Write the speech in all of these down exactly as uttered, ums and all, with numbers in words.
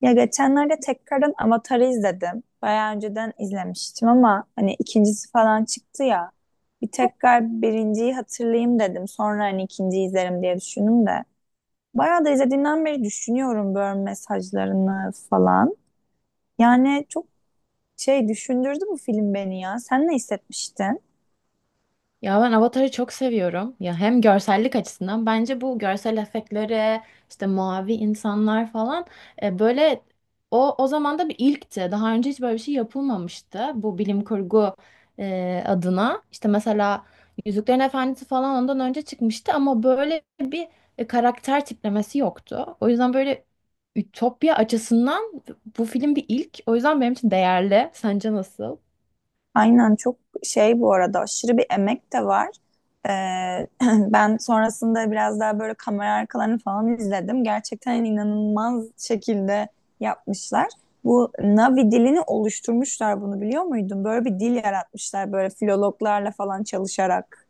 Ya geçenlerde tekrardan Avatar'ı izledim. Bayağı önceden izlemiştim ama hani ikincisi falan çıktı ya. Bir tekrar birinciyi hatırlayayım dedim. Sonra hani ikinciyi izlerim diye düşündüm de. Bayağı da izlediğimden beri düşünüyorum böyle mesajlarını falan. Yani çok şey düşündürdü bu film beni ya. Sen ne hissetmiştin? Ya ben Avatar'ı çok seviyorum. Ya hem görsellik açısından bence bu görsel efektleri, işte mavi insanlar falan e, böyle o o zaman da bir ilkti. Daha önce hiç böyle bir şey yapılmamıştı bu bilim kurgu e, adına. İşte mesela Yüzüklerin Efendisi falan ondan önce çıkmıştı ama böyle bir e, karakter tiplemesi yoktu. O yüzden böyle ütopya açısından bu film bir ilk. O yüzden benim için değerli. Sence nasıl? Aynen, çok şey, bu arada aşırı bir emek de var. Ee, ben sonrasında biraz daha böyle kamera arkalarını falan izledim. Gerçekten hani inanılmaz şekilde yapmışlar. Bu Navi dilini oluşturmuşlar, bunu biliyor muydun? Böyle bir dil yaratmışlar, böyle filologlarla falan çalışarak.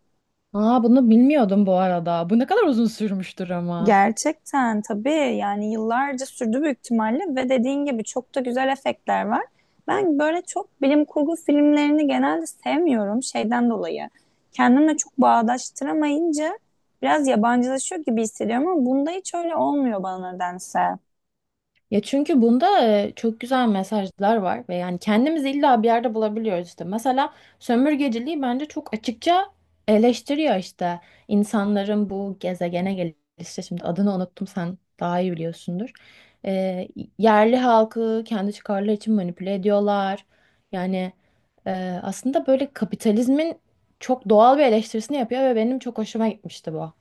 Aa, bunu bilmiyordum bu arada. Bu ne kadar uzun sürmüştür ama. Gerçekten tabii, yani yıllarca sürdü büyük ihtimalle ve dediğin gibi çok da güzel efektler var. Ben böyle çok bilim kurgu filmlerini genelde sevmiyorum şeyden dolayı. Kendimle çok bağdaştıramayınca biraz yabancılaşıyor gibi hissediyorum ama bunda hiç öyle olmuyor bana nedense. Ya çünkü bunda e, çok güzel mesajlar var ve yani kendimizi illa bir yerde bulabiliyoruz işte. Mesela sömürgeciliği bence çok açıkça eleştiriyor işte. İnsanların bu gezegene gelişi, şimdi adını unuttum, sen daha iyi biliyorsundur. E, Yerli halkı kendi çıkarları için manipüle ediyorlar. Yani e, aslında böyle kapitalizmin çok doğal bir eleştirisini yapıyor ve benim çok hoşuma gitmişti bu.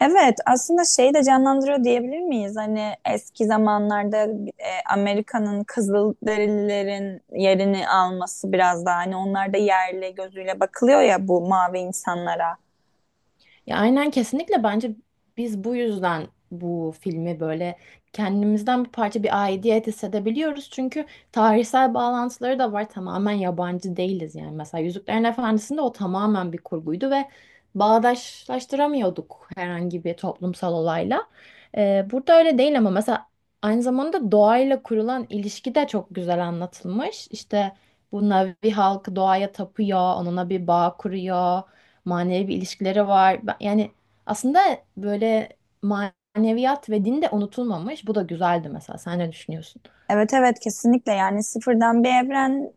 Evet, aslında şeyi de canlandırıyor diyebilir miyiz? Hani eski zamanlarda e, Amerika'nın Kızılderililerin yerini alması, biraz daha hani onlar da yerli gözüyle bakılıyor ya bu mavi insanlara. Ya aynen, kesinlikle bence biz bu yüzden bu filmi böyle kendimizden bir parça, bir aidiyet hissedebiliyoruz. Çünkü tarihsel bağlantıları da var. Tamamen yabancı değiliz yani. Mesela Yüzüklerin Efendisi'nde o tamamen bir kurguydu ve bağdaşlaştıramıyorduk herhangi bir toplumsal olayla. Ee, burada öyle değil ama mesela aynı zamanda doğayla kurulan ilişki de çok güzel anlatılmış. İşte bu Navi halkı doğaya tapıyor, onunla bir bağ kuruyor, manevi bir ilişkileri var. Ben- Yani aslında böyle maneviyat ve din de unutulmamış. Bu da güzeldi mesela. Sen ne düşünüyorsun? Evet, evet, kesinlikle. Yani sıfırdan bir evren,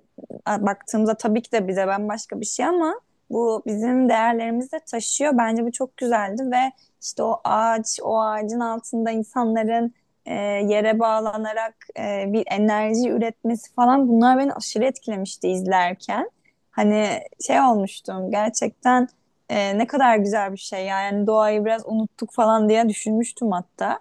a, baktığımızda tabii ki de bize bambaşka bir şey ama bu bizim değerlerimizi de taşıyor. Bence bu çok güzeldi ve işte o ağaç, o ağacın altında insanların e, yere bağlanarak e, bir enerji üretmesi falan, bunlar beni aşırı etkilemişti izlerken. Hani şey olmuştum gerçekten, e, ne kadar güzel bir şey ya. Yani doğayı biraz unuttuk falan diye düşünmüştüm hatta.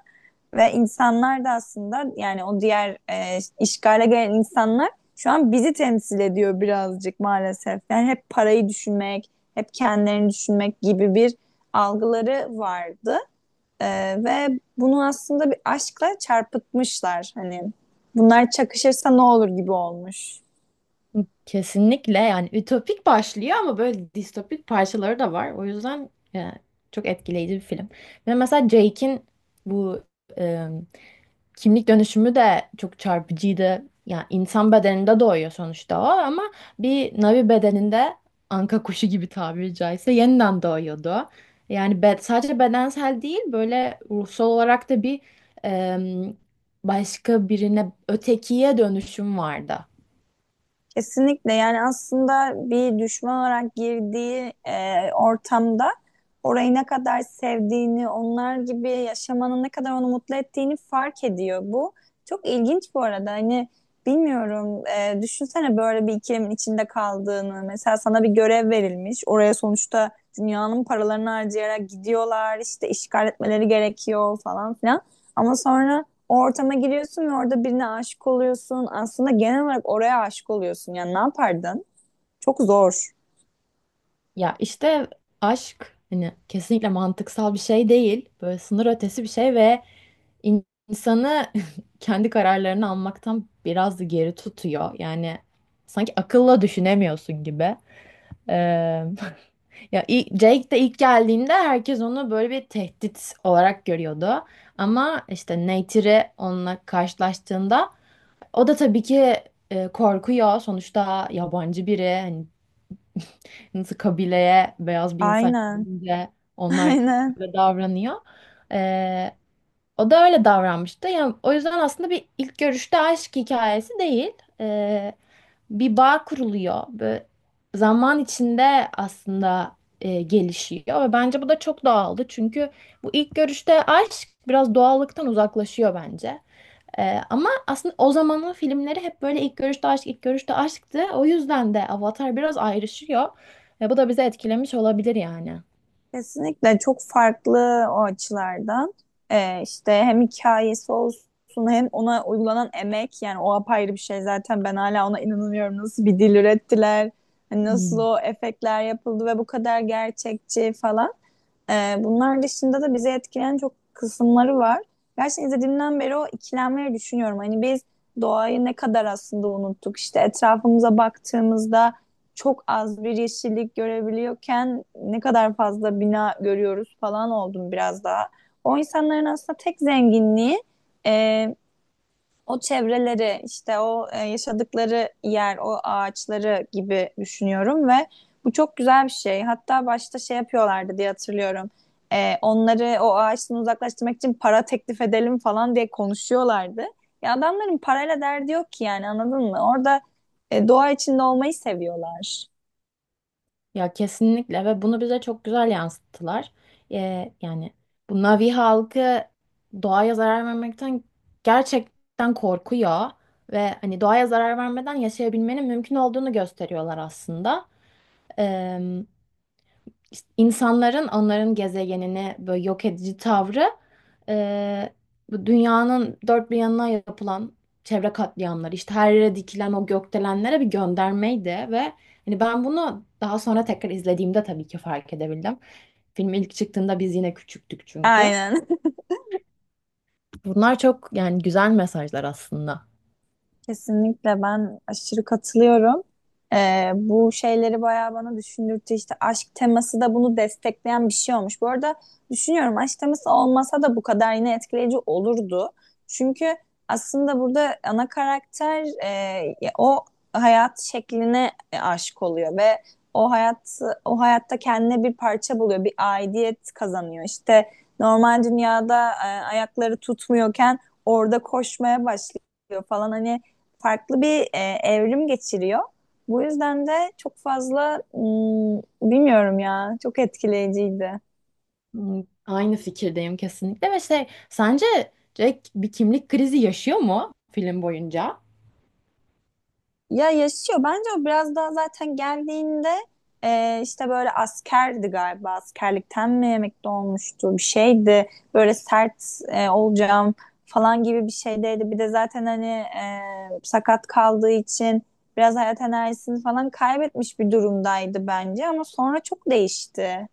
Ve insanlar da aslında, yani o diğer e, işgale gelen insanlar şu an bizi temsil ediyor birazcık maalesef. Yani hep parayı düşünmek, hep kendilerini düşünmek gibi bir algıları vardı. E, Ve bunu aslında bir aşkla çarpıtmışlar. Hani bunlar çakışırsa ne olur gibi olmuş. Kesinlikle, yani ütopik başlıyor ama böyle distopik parçaları da var. O yüzden e, çok etkileyici bir film. Ve mesela Jake'in bu kimlik dönüşümü de çok çarpıcıydı. Yani insan bedeninde doğuyor sonuçta o ama bir Navi bedeninde anka kuşu gibi, tabiri caizse, yeniden doğuyordu. Yani be- sadece bedensel değil, böyle ruhsal olarak da bir em, başka birine, ötekiye dönüşüm vardı. Kesinlikle. Yani aslında bir düşman olarak girdiği e, ortamda orayı ne kadar sevdiğini, onlar gibi yaşamanın ne kadar onu mutlu ettiğini fark ediyor. Bu çok ilginç bu arada. Hani bilmiyorum, e, düşünsene böyle bir ikilemin içinde kaldığını. Mesela sana bir görev verilmiş. Oraya sonuçta dünyanın paralarını harcayarak gidiyorlar. İşte işgal etmeleri gerekiyor falan filan. Ama sonra o ortama giriyorsun ve orada birine aşık oluyorsun. Aslında genel olarak oraya aşık oluyorsun. Yani ne yapardın? Çok zor. Ya işte aşk hani kesinlikle mantıksal bir şey değil. Böyle sınır ötesi bir şey ve in- insanı kendi kararlarını almaktan biraz da geri tutuyor. Yani sanki akılla düşünemiyorsun gibi. Ee, ya i- Jake de ilk geldiğinde herkes onu böyle bir tehdit olarak görüyordu. Ama işte Neytiri onunla karşılaştığında o da tabii ki e, korkuyor. Sonuçta yabancı biri. Hani nasıl kabileye beyaz bir insan Aynen. gelince onlar Aynen. böyle davranıyor. Ee, O da öyle davranmıştı. Yani o yüzden aslında bir ilk görüşte aşk hikayesi değil. Ee, Bir bağ kuruluyor. Böyle zaman içinde aslında e, gelişiyor ve bence bu da çok doğaldı. Çünkü bu ilk görüşte aşk biraz doğallıktan uzaklaşıyor bence. Ee, ama aslında o zamanın filmleri hep böyle ilk görüşte aşk, ilk görüşte aşktı. O yüzden de Avatar biraz ayrışıyor. Ve bu da bizi etkilemiş olabilir yani. Kesinlikle çok farklı o açılardan. Ee, işte hem hikayesi olsun, hem ona uygulanan emek, yani o apayrı bir şey. Zaten ben hala ona inanamıyorum. Nasıl bir dil ürettiler, hani nasıl Hmm. o efektler yapıldı ve bu kadar gerçekçi falan. Ee, bunlar dışında da bizi etkileyen çok kısımları var. Gerçekten izlediğimden beri o ikilemleri düşünüyorum. Hani biz doğayı ne kadar aslında unuttuk. İşte etrafımıza baktığımızda çok az bir yeşillik görebiliyorken ne kadar fazla bina görüyoruz falan oldum biraz daha. O insanların aslında tek zenginliği e, o çevreleri, işte o, e, yaşadıkları yer, o ağaçları gibi düşünüyorum ve bu çok güzel bir şey. Hatta başta şey yapıyorlardı diye hatırlıyorum. E, onları o ağaçtan uzaklaştırmak için para teklif edelim falan diye konuşuyorlardı. Ya adamların parayla derdi yok ki, yani anladın mı? Orada e, doğa içinde olmayı seviyorlar. Ya kesinlikle, ve bunu bize çok güzel yansıttılar. Ee, yani bu Navi halkı doğaya zarar vermekten gerçekten korkuyor ve hani doğaya zarar vermeden yaşayabilmenin mümkün olduğunu gösteriyorlar aslında. İnsanların onların gezegenini böyle yok edici tavrı, e, bu dünyanın dört bir yanına yapılan çevre katliamları, işte her yere dikilen o gökdelenlere bir göndermeydi ve hani ben bunu daha sonra tekrar izlediğimde tabii ki fark edebildim. Film ilk çıktığında biz yine küçüktük çünkü. Aynen. Bunlar çok yani güzel mesajlar aslında. Kesinlikle, ben aşırı katılıyorum. Ee, bu şeyleri bayağı bana düşündürttü. İşte aşk teması da bunu destekleyen bir şey olmuş. Bu arada düşünüyorum, aşk teması olmasa da bu kadar yine etkileyici olurdu. Çünkü aslında burada ana karakter, e, ya o hayat şekline e, aşık oluyor ve o hayat, o hayatta kendine bir parça buluyor, bir aidiyet kazanıyor. İşte normal dünyada e, ayakları tutmuyorken orada koşmaya başlıyor falan. Hani farklı bir e, evrim geçiriyor. Bu yüzden de çok fazla hmm, bilmiyorum ya, çok etkileyiciydi. Hmm, Aynı fikirdeyim kesinlikle, ve şey, sence Jack bir kimlik krizi yaşıyor mu film boyunca? Ya yaşıyor bence. O biraz daha zaten geldiğinde, e, işte böyle askerdi galiba, askerlikten mi emekli olmuştu, bir şeydi. Böyle sert e, olacağım falan gibi bir şeydeydi. Bir de zaten hani e, sakat kaldığı için biraz hayat enerjisini falan kaybetmiş bir durumdaydı bence, ama sonra çok değişti.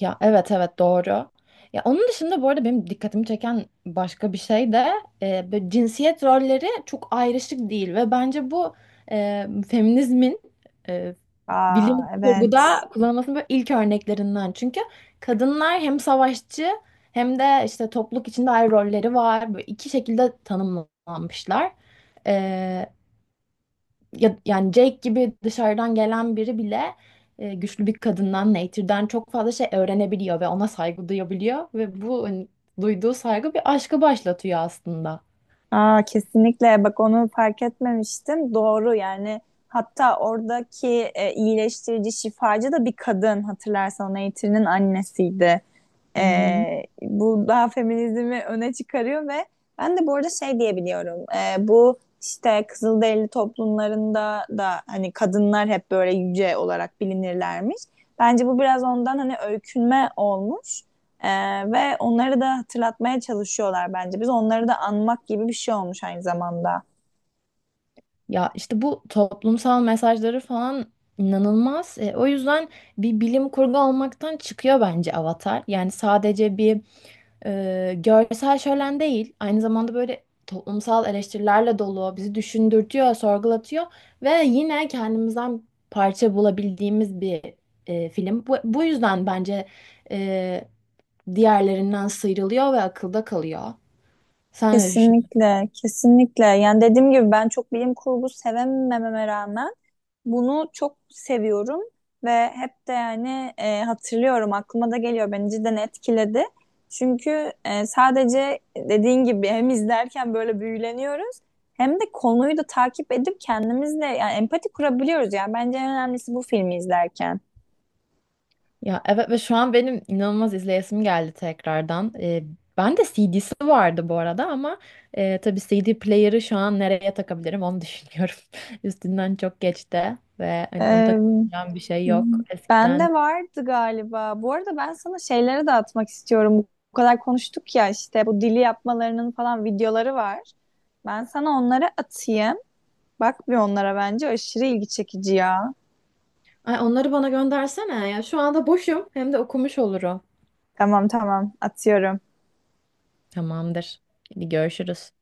Ya evet evet doğru. Ya onun dışında, bu arada, benim dikkatimi çeken başka bir şey de e, böyle cinsiyet rolleri çok ayrışık değil ve bence bu e, feminizmin e, Aa, bilim evet. kurguda kullanılmasının böyle ilk örneklerinden. Çünkü kadınlar hem savaşçı hem de işte topluluk içinde ayrı rolleri var. Böyle iki şekilde tanımlanmışlar ya, yani Jake gibi dışarıdan gelen biri bile e, güçlü bir kadından, Nature'den, çok fazla şey öğrenebiliyor ve ona saygı duyabiliyor ve bu, hani, duyduğu saygı bir aşkı başlatıyor aslında. Aa, kesinlikle, bak onu fark etmemiştim. Doğru. Yani hatta oradaki e, iyileştirici şifacı da bir kadın, hatırlarsan o Nature'nin annesiydi. Hı hı. Ee, bu daha feminizmi öne çıkarıyor ve ben de bu arada şey diyebiliyorum. Ee, bu işte Kızılderili toplumlarında da hani kadınlar hep böyle yüce olarak bilinirlermiş. Bence bu biraz ondan, hani öykünme olmuş. Ee, Ve onları da hatırlatmaya çalışıyorlar bence. Biz onları da anmak gibi bir şey olmuş aynı zamanda. Ya işte bu toplumsal mesajları falan inanılmaz. E, o yüzden bir bilim kurgu olmaktan çıkıyor bence Avatar. Yani sadece bir Ee, görsel şölen değil, aynı zamanda böyle toplumsal eleştirilerle dolu, bizi düşündürtüyor, sorgulatıyor ve yine kendimizden parça bulabildiğimiz bir e, film. Bu, bu yüzden bence e, diğerlerinden sıyrılıyor ve akılda kalıyor. Sen ne Kesinlikle, kesinlikle. Yani dediğim gibi, ben çok bilim kurgu sevemememe rağmen bunu çok seviyorum ve hep de, yani e, hatırlıyorum, aklıma da geliyor, beni cidden etkiledi. Çünkü e, sadece dediğin gibi hem izlerken böyle büyüleniyoruz, hem de konuyu da takip edip kendimizle yani empati kurabiliyoruz. Yani bence en önemlisi bu, filmi izlerken. Ya evet, ve şu an benim inanılmaz izleyesim geldi tekrardan. Ee, ben de C D'si vardı bu arada ama e, tabii C D player'ı şu an nereye takabilirim onu düşünüyorum. Üstünden çok geçti ve hani onu Ee, takabileceğim bir şey yok eskiden. Bende vardı galiba. Bu arada ben sana şeyleri de atmak istiyorum. Bu kadar konuştuk ya, işte bu dili yapmalarının falan videoları var. Ben sana onları atayım. Bak bir onlara, bence aşırı ilgi çekici ya. Ay onları bana göndersene ya. Şu anda boşum hem de okumuş olurum. Tamam, tamam, atıyorum. Tamamdır. Hadi görüşürüz.